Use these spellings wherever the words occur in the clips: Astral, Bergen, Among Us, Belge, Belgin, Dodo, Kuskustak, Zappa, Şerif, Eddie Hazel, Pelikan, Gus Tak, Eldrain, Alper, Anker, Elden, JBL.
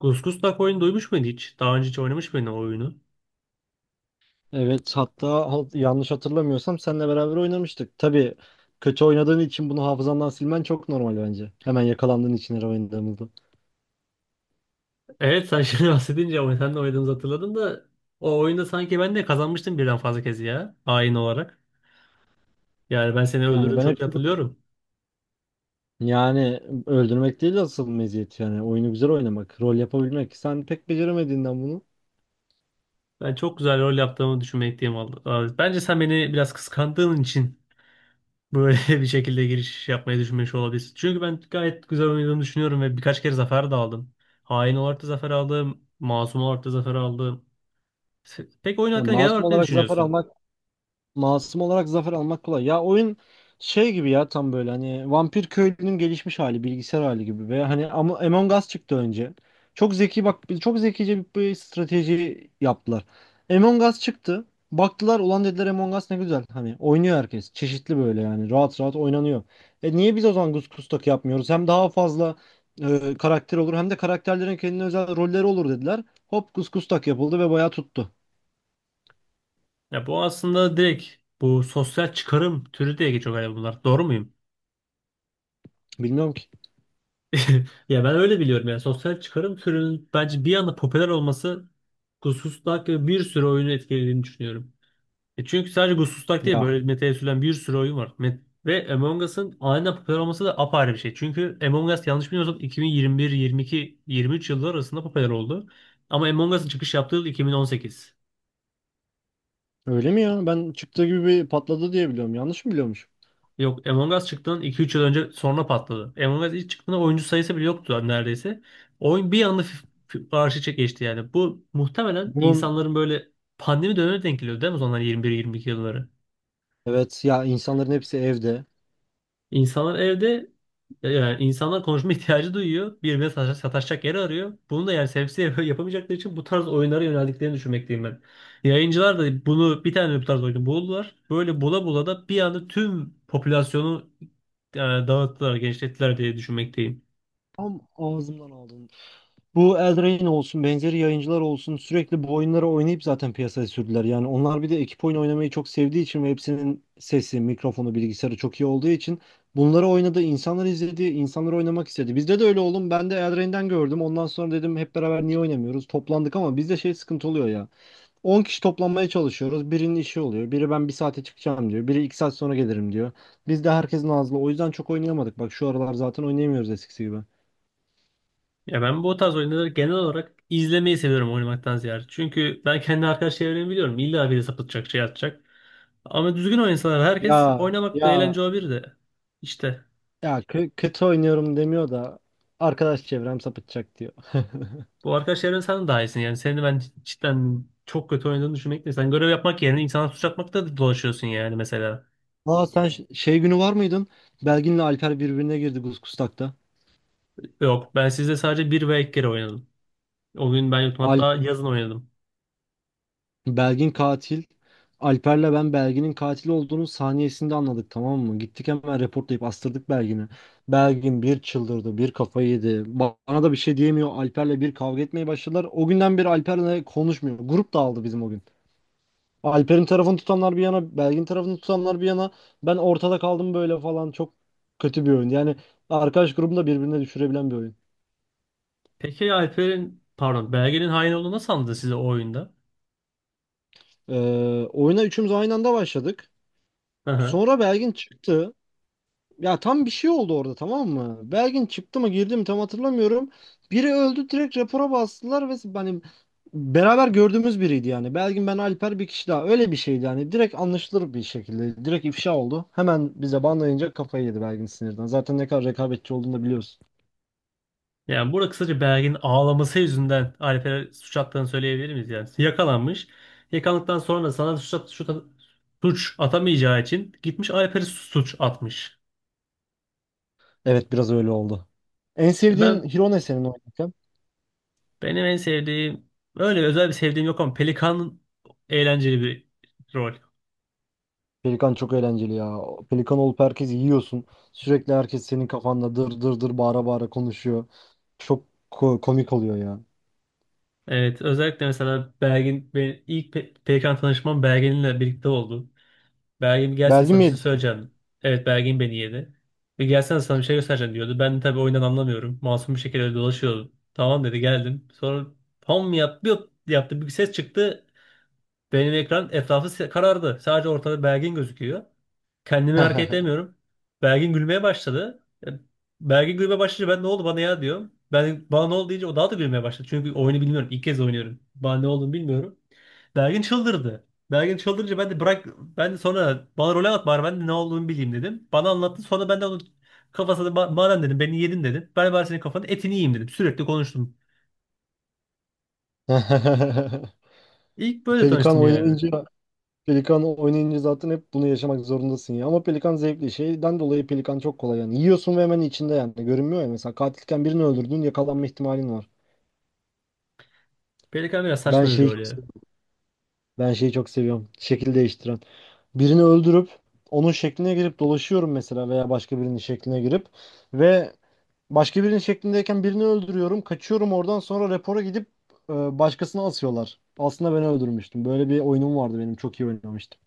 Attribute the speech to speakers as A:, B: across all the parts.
A: Gus Tak oyunu duymuş muydun hiç? Daha önce hiç oynamış mıydın o oyunu?
B: Evet hatta yanlış hatırlamıyorsam seninle beraber oynamıştık. Tabii kötü oynadığın için bunu hafızandan silmen çok normal bence. Hemen yakalandığın için her oynadığımızda.
A: Evet sen şimdi bahsedince ama sen de oynadığımızı hatırladım da o oyunda sanki ben de kazanmıştım birden fazla kez ya. Hain olarak. Yani ben seni
B: Yani
A: öldürdüğümü
B: ben
A: çok iyi
B: hepsini,
A: hatırlıyorum.
B: yani öldürmek değil de asıl meziyet yani oyunu güzel oynamak, rol yapabilmek. Sen pek beceremediğinden bunu.
A: Ben çok güzel rol yaptığımı düşünmekteyim vallahi. Bence sen beni biraz kıskandığın için böyle bir şekilde giriş yapmayı düşünmüş olabilirsin. Çünkü ben gayet güzel oynadığımı düşünüyorum ve birkaç kere zafer de aldım. Hain olarak da zafer aldım. Masum olarak da zafer aldım. Peki oyun
B: Yani
A: hakkında genel
B: masum
A: olarak ne
B: olarak zafer
A: düşünüyorsun?
B: almak. Masum olarak zafer almak kolay. Ya oyun şey gibi, ya tam böyle hani Vampir Köylü'nün gelişmiş hali, bilgisayar hali gibi ve hani Among Us çıktı önce. Çok zeki bak, çok zekice bir strateji yaptılar. Among Us çıktı. Baktılar ulan dediler, Among Us ne güzel. Hani oynuyor herkes. Çeşitli böyle yani rahat rahat oynanıyor. E niye biz o zaman Kustak yapmıyoruz? Hem daha fazla karakter olur, hem de karakterlerin kendine özel rolleri olur dediler. Hop Kustak yapıldı ve bayağı tuttu.
A: Ya bu aslında direkt bu sosyal çıkarım türü diye geçiyor galiba bunlar. Doğru muyum?
B: Bilmiyorum
A: Ya ben öyle biliyorum, yani sosyal çıkarım türünün bence bir anda popüler olması Gusustak ve bir sürü oyunu etkilediğini düşünüyorum. E çünkü sadece Gusustak değil,
B: ki.
A: böyle metaya sürülen bir sürü oyun var. Ve Among Us'ın aniden popüler olması da apayrı bir şey. Çünkü Among Us, yanlış bilmiyorsam, 2021, 22, 23 yılları arasında popüler oldu. Ama Among Us'ın çıkış yaptığı yıl 2018.
B: Öyle mi ya? Ben çıktığı gibi bir patladı diye biliyorum. Yanlış mı biliyormuş?
A: Yok, Among Us çıktığından iki üç yıl önce sonra patladı. Among Us ilk çıktığında oyuncu sayısı bile yoktu neredeyse. Oyun bir anda arşa geçti yani. Bu muhtemelen
B: Bunun
A: insanların böyle pandemi dönemine denk geliyor değil mi? O zaman 21-22 yılları.
B: evet ya, insanların hepsi evde.
A: İnsanlar evde, yani insanlar konuşma ihtiyacı duyuyor. Birbirine sataşacak yer arıyor. Bunu da yani sebepsiz yapamayacakları için bu tarz oyunlara yöneldiklerini düşünmekteyim ben. Yayıncılar da bunu, bir tane bu tarz oyunu buldular. Böyle bula bula da bir anda tüm popülasyonu dağıttılar, genişlettiler diye düşünmekteyim.
B: Tam ağzımdan aldın. Bu Eldrain olsun, benzeri yayıncılar olsun sürekli bu oyunları oynayıp zaten piyasaya sürdüler. Yani onlar bir de ekip oyun oynamayı çok sevdiği için ve hepsinin sesi, mikrofonu, bilgisayarı çok iyi olduğu için bunları oynadı, insanlar izledi, insanlar oynamak istedi. Bizde de öyle oğlum. Ben de Eldrain'den gördüm. Ondan sonra dedim hep beraber niye oynamıyoruz? Toplandık ama bizde şey sıkıntı oluyor ya. 10 kişi toplanmaya çalışıyoruz. Birinin işi oluyor. Biri ben bir saate çıkacağım diyor. Biri 2 saat sonra gelirim diyor. Biz de herkesin ağzı. O yüzden çok oynayamadık. Bak şu aralar zaten oynayamıyoruz eskisi gibi.
A: Ya ben bu tarz oyunları genel olarak izlemeyi seviyorum oynamaktan ziyade. Çünkü ben kendi arkadaş çevremi biliyorum. İlla biri sapıtacak, şey atacak. Ama düzgün oynasalar herkes
B: Ya
A: oynamak da eğlence
B: ya
A: olabilir de. İşte
B: ya kötü oynuyorum demiyor da arkadaş çevrem sapıtacak diyor.
A: bu arkadaş çevren, sen daha iyisin yani. Seni ben cidden çok kötü oynadığını düşünmekle. Sen görev yapmak yerine insana suç atmakta da dolaşıyorsun yani mesela.
B: Aa, sen şey günü var mıydın? Belgin'le Alper birbirine girdi Kuskustak'ta.
A: Yok, ben sizde sadece bir ve iki kere oynadım. O gün ben yoktum,
B: Alp
A: hatta yazın oynadım.
B: Belgin katil. Alper'le ben Belgin'in katil olduğunu saniyesinde anladık tamam mı? Gittik hemen reportlayıp astırdık Belgin'i. Belgin bir çıldırdı, bir kafayı yedi. Bana da bir şey diyemiyor. Alper'le bir kavga etmeye başladılar. O günden beri Alper'le konuşmuyor. Grup dağıldı bizim o gün. Alper'in tarafını tutanlar bir yana, Belgin tarafını tutanlar bir yana. Ben ortada kaldım böyle falan. Çok kötü bir oyun. Yani arkadaş grubunu da birbirine düşürebilen bir oyun.
A: Peki Alper'in, pardon, Belge'nin hain olduğunu nasıl anladın size o oyunda?
B: Oyuna üçümüz aynı anda başladık. Sonra Belgin çıktı. Ya tam bir şey oldu orada tamam mı? Belgin çıktı mı girdi mi tam hatırlamıyorum. Biri öldü, direkt rapora bastılar ve hani beraber gördüğümüz biriydi yani. Belgin, ben, Alper, bir kişi daha, öyle bir şeydi yani. Direkt anlaşılır bir şekilde. Direkt ifşa oldu. Hemen bize banlayınca kafayı yedi Belgin sinirden. Zaten ne kadar rekabetçi olduğunu da biliyoruz.
A: Yani burada kısaca Bergen'in ağlaması yüzünden Alper'e suç attığını söyleyebilir miyiz yani? Yakalanmış. Yakalandıktan sonra sana suç, at- suç, at- suç atamayacağı için gitmiş Alper'e suç atmış.
B: Evet, biraz öyle oldu. En sevdiğin
A: Ben
B: hero ne senin oynarken?
A: benim en sevdiğim, öyle özel bir sevdiğim yok ama Pelikan eğlenceli bir rol.
B: Pelikan çok eğlenceli ya. Pelikan olup herkesi yiyorsun. Sürekli herkes senin kafanda dır dır dır bağıra bağıra konuşuyor. Çok komik oluyor ya.
A: Evet, özellikle mesela Bergen, benim ilk Pelikan tanışmam Bergen'le birlikte oldu. Belgin bir gelsene,
B: Belgi
A: sana
B: mi
A: bir şey
B: yedi?
A: söyleyeceğim. Evet, Belgin beni yedi. Bir gelsene, sana bir şey göstereceğim diyordu. Ben de tabii oyundan anlamıyorum. Masum bir şekilde dolaşıyordum. Tamam dedi, geldim. Sonra pam, yap, bir yaptı, bir ses çıktı. Benim ekran etrafı karardı. Sadece ortada Belgin gözüküyor. Kendimi hareket edemiyorum. Belgin gülmeye başladı. Belgin gülmeye başlayınca ben ne oldu bana ya diyorum. Ben bana ne oldu deyince o daha da gülmeye başladı. Çünkü oyunu bilmiyorum. İlk kez oynuyorum. Bana ne olduğunu bilmiyorum. Belgin çıldırdı. Belgin çıldırınca ben de sonra bana rol at bari ben de ne olduğunu bileyim dedim. Bana anlattı, sonra ben de onun kafasına, "Ma- madem dedim beni yedin dedim. Ben bari senin kafanın etini yiyeyim dedim." Sürekli konuştum. İlk böyle
B: Pelikan
A: tanıştım yani.
B: oynayınca Pelikan oynayınca zaten hep bunu yaşamak zorundasın ya. Ama Pelikan zevkli. Şeyden dolayı Pelikan çok kolay yani. Yiyorsun ve hemen içinde yani. Görünmüyor ya. Mesela katilken birini öldürdün, yakalanma ihtimalin var.
A: Pelikan biraz
B: Ben
A: saçma bir
B: şeyi
A: rol ya.
B: çok Ben şeyi çok seviyorum. Şekil değiştiren. Birini öldürüp onun şekline girip dolaşıyorum mesela, veya başka birinin şekline girip ve başka birinin şeklindeyken birini öldürüyorum. Kaçıyorum oradan, sonra rapora gidip e, başkasına asıyorlar. Aslında ben öldürmüştüm. Böyle bir oyunum vardı benim. Çok iyi oynamıştım.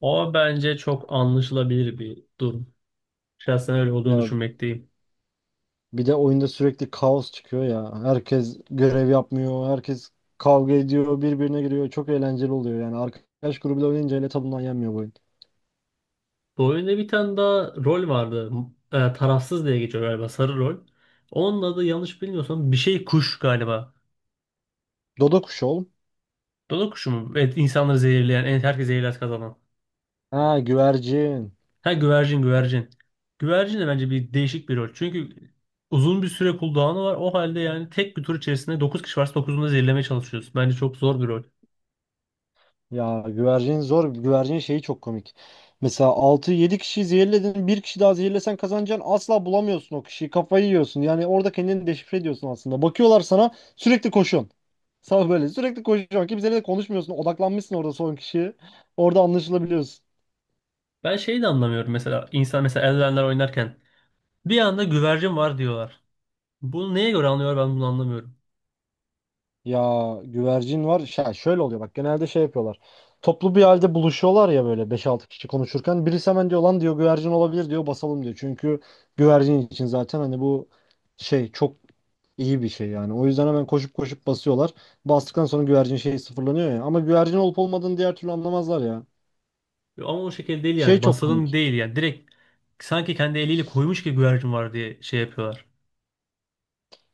A: O bence çok anlaşılabilir bir durum. Şahsen öyle olduğunu
B: Ya
A: düşünmekteyim.
B: bir de oyunda sürekli kaos çıkıyor ya. Herkes görev yapmıyor. Herkes kavga ediyor. Birbirine giriyor. Çok eğlenceli oluyor yani. Arkadaş grubuyla oynayınca hele tadından yenmiyor bu oyun.
A: Bu oyunda bir tane daha rol vardı. Tarafsız diye geçiyor galiba, sarı rol. Onun adı, yanlış bilmiyorsam, bir şey kuş galiba.
B: Dodo kuşu oğlum.
A: Dodo kuşu mu? Evet, insanları zehirleyen, en herkes zehirler kazanan.
B: Ha, güvercin.
A: Ha, güvercin güvercin. Güvercin de bence bir değişik bir rol. Çünkü uzun bir süre cooldown'u var. O halde yani tek bir tur içerisinde 9 kişi varsa 9'unu da zehirlemeye çalışıyoruz. Bence çok zor bir rol.
B: Ya güvercin zor. Güvercin şeyi çok komik. Mesela altı yedi kişiyi zehirledin. Bir kişi daha zehirlesen kazanacaksın. Asla bulamıyorsun o kişiyi. Kafayı yiyorsun. Yani orada kendini deşifre ediyorsun aslında. Bakıyorlar sana, sürekli koşuyorsun. Sana böyle sürekli koşuyorsun. Kimseyle de konuşmuyorsun. Odaklanmışsın orada son kişiye. Orada anlaşılabiliyorsun.
A: Ben şeyi de anlamıyorum mesela. İnsan mesela Elden'ler oynarken bir anda güvercin var diyorlar. Bunu neye göre anlıyor, ben bunu anlamıyorum.
B: Ya güvercin var. Şey, şöyle oluyor bak. Genelde şey yapıyorlar. Toplu bir halde buluşuyorlar ya, böyle beş altı kişi konuşurken. Birisi hemen diyor lan diyor, güvercin olabilir diyor, basalım diyor. Çünkü güvercin için zaten hani bu şey çok İyi bir şey yani. O yüzden hemen koşup koşup basıyorlar. Bastıktan sonra güvercin şey sıfırlanıyor ya. Ama güvercin olup olmadığını diğer türlü anlamazlar ya.
A: Ama o şekilde değil
B: Şey
A: yani.
B: çok
A: Basalım
B: komik.
A: değil yani. Direkt sanki kendi eliyle koymuş gibi güvercin var diye şey yapıyorlar.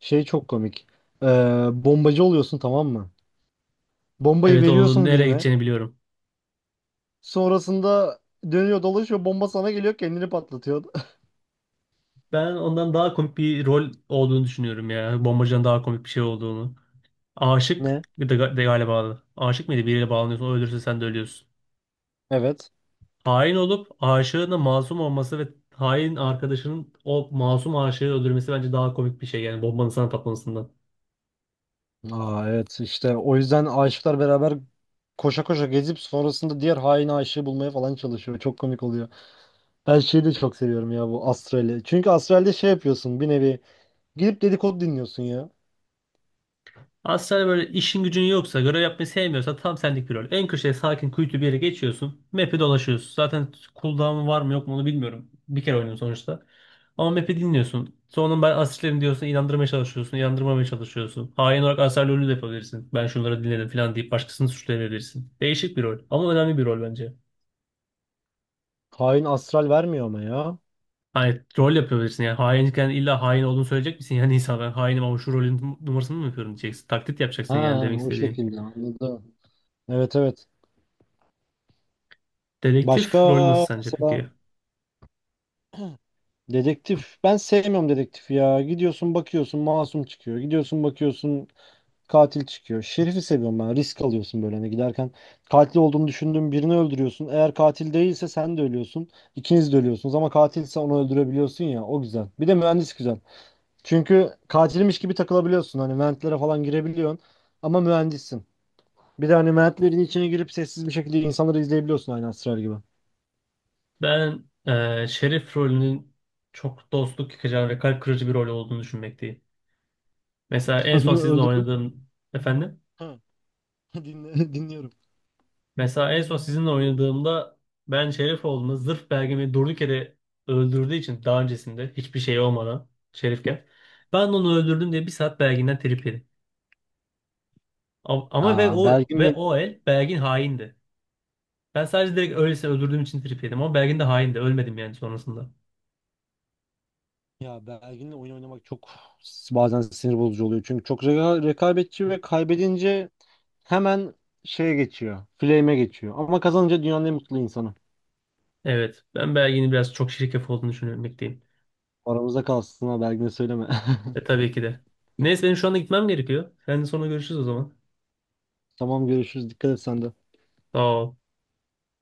B: Şey çok komik. Ee, Bombacı oluyorsun tamam mı? Bombayı
A: Evet, onun
B: veriyorsun
A: nereye
B: birine.
A: gideceğini biliyorum.
B: Sonrasında dönüyor dolaşıyor. Bomba sana geliyor, kendini patlatıyor.
A: Ben ondan daha komik bir rol olduğunu düşünüyorum ya. Bombacıdan daha komik bir şey olduğunu. Aşık
B: Ne?
A: bir de, de galiba. Aşık mıydı? Biriyle bağlanıyorsun. O ölürse sen de ölüyorsun.
B: Evet.
A: Hain olup aşığına masum olması ve hain arkadaşının o masum aşığı öldürmesi bence daha komik bir şey. Yani bombanın sana patlamasından.
B: Aa evet, işte o yüzden aşıklar beraber koşa koşa gezip sonrasında diğer hain aşığı bulmaya falan çalışıyor. Çok komik oluyor. Ben şeyi de çok seviyorum ya, bu Astral'i. Çünkü Astral'de şey yapıyorsun bir nevi. Gidip dedikodu dinliyorsun ya.
A: Aslında böyle işin gücün yoksa, görev yapmayı sevmiyorsan tam senlik bir rol. En köşeye, sakin kuytu bir yere geçiyorsun. Map'i dolaşıyorsun. Zaten cooldown'u var mı yok mu onu bilmiyorum. Bir kere oynadım sonuçta. Ama map'i dinliyorsun. Sonra ben asistlerim diyorsun, inandırmaya çalışıyorsun. İnandırmamaya çalışıyorsun. Hain olarak aser rolü de yapabilirsin. Ben şunları dinledim falan deyip başkasını suçlayabilirsin. Değişik bir rol ama önemli bir rol bence.
B: Hain astral vermiyor ama ya.
A: Hani rol yapabilirsin yani, hainken illa hain olduğunu söyleyecek misin? Yani insan ben hainim ama şu rolün numarasını mı yapıyorum diyeceksin. Taklit yapacaksın yani
B: Ha,
A: demek
B: o
A: istediğim.
B: şekilde anladım. Evet, evet. Başka,
A: Dedektif rolü nasıl sence
B: mesela
A: peki?
B: dedektif. Ben sevmiyorum dedektif ya. Gidiyorsun bakıyorsun masum çıkıyor. Gidiyorsun bakıyorsun katil çıkıyor. Şerifi seviyorum ben. Risk alıyorsun böyle hani giderken. Katil olduğunu düşündüğün birini öldürüyorsun. Eğer katil değilse sen de ölüyorsun. İkiniz de ölüyorsunuz, ama katilse onu öldürebiliyorsun ya. O güzel. Bir de mühendis güzel. Çünkü katilmiş gibi takılabiliyorsun. Hani ventlere falan girebiliyorsun. Ama mühendissin. Bir de hani mertlerin içine girip sessiz bir şekilde insanları izleyebiliyorsun, aynı Astral gibi.
A: Ben Şerif rolünün çok dostluk yıkacağını ve kalp kırıcı bir rol olduğunu düşünmekteyim. Mesela en son sizinle
B: Öldürdüm.
A: oynadığım efendim.
B: Ha, dinliyorum.
A: Mesela en son sizinle oynadığımda, ben Şerif olduğunda, zırh belgemi durduk yere öldürdüğü için, daha öncesinde hiçbir şey olmadan Şerifken ben onu öldürdüm diye bir saat belginden trip yedim. Ama ve
B: Aa,
A: o ve
B: Belgin'le
A: o el belgin haindi. Ben sadece direkt öylesine öldürdüğüm için trip yedim ama belgin de haindi. Ölmedim yani sonrasında.
B: Ya Belgin'le oyun oynamak çok bazen sinir bozucu oluyor. Çünkü çok rekabetçi ve kaybedince hemen şeye geçiyor. Flame'e geçiyor. Ama kazanınca dünyanın en mutlu insanı.
A: Evet, ben belginin biraz çok şirkef olduğunu düşünmekteyim.
B: Aramızda kalsın ha, Belgin'e söyleme.
A: E tabii ki de. Neyse, benim şu anda gitmem gerekiyor. Seninle sonra görüşürüz o zaman.
B: Tamam, görüşürüz. Dikkat et sen de.
A: Sağ ol.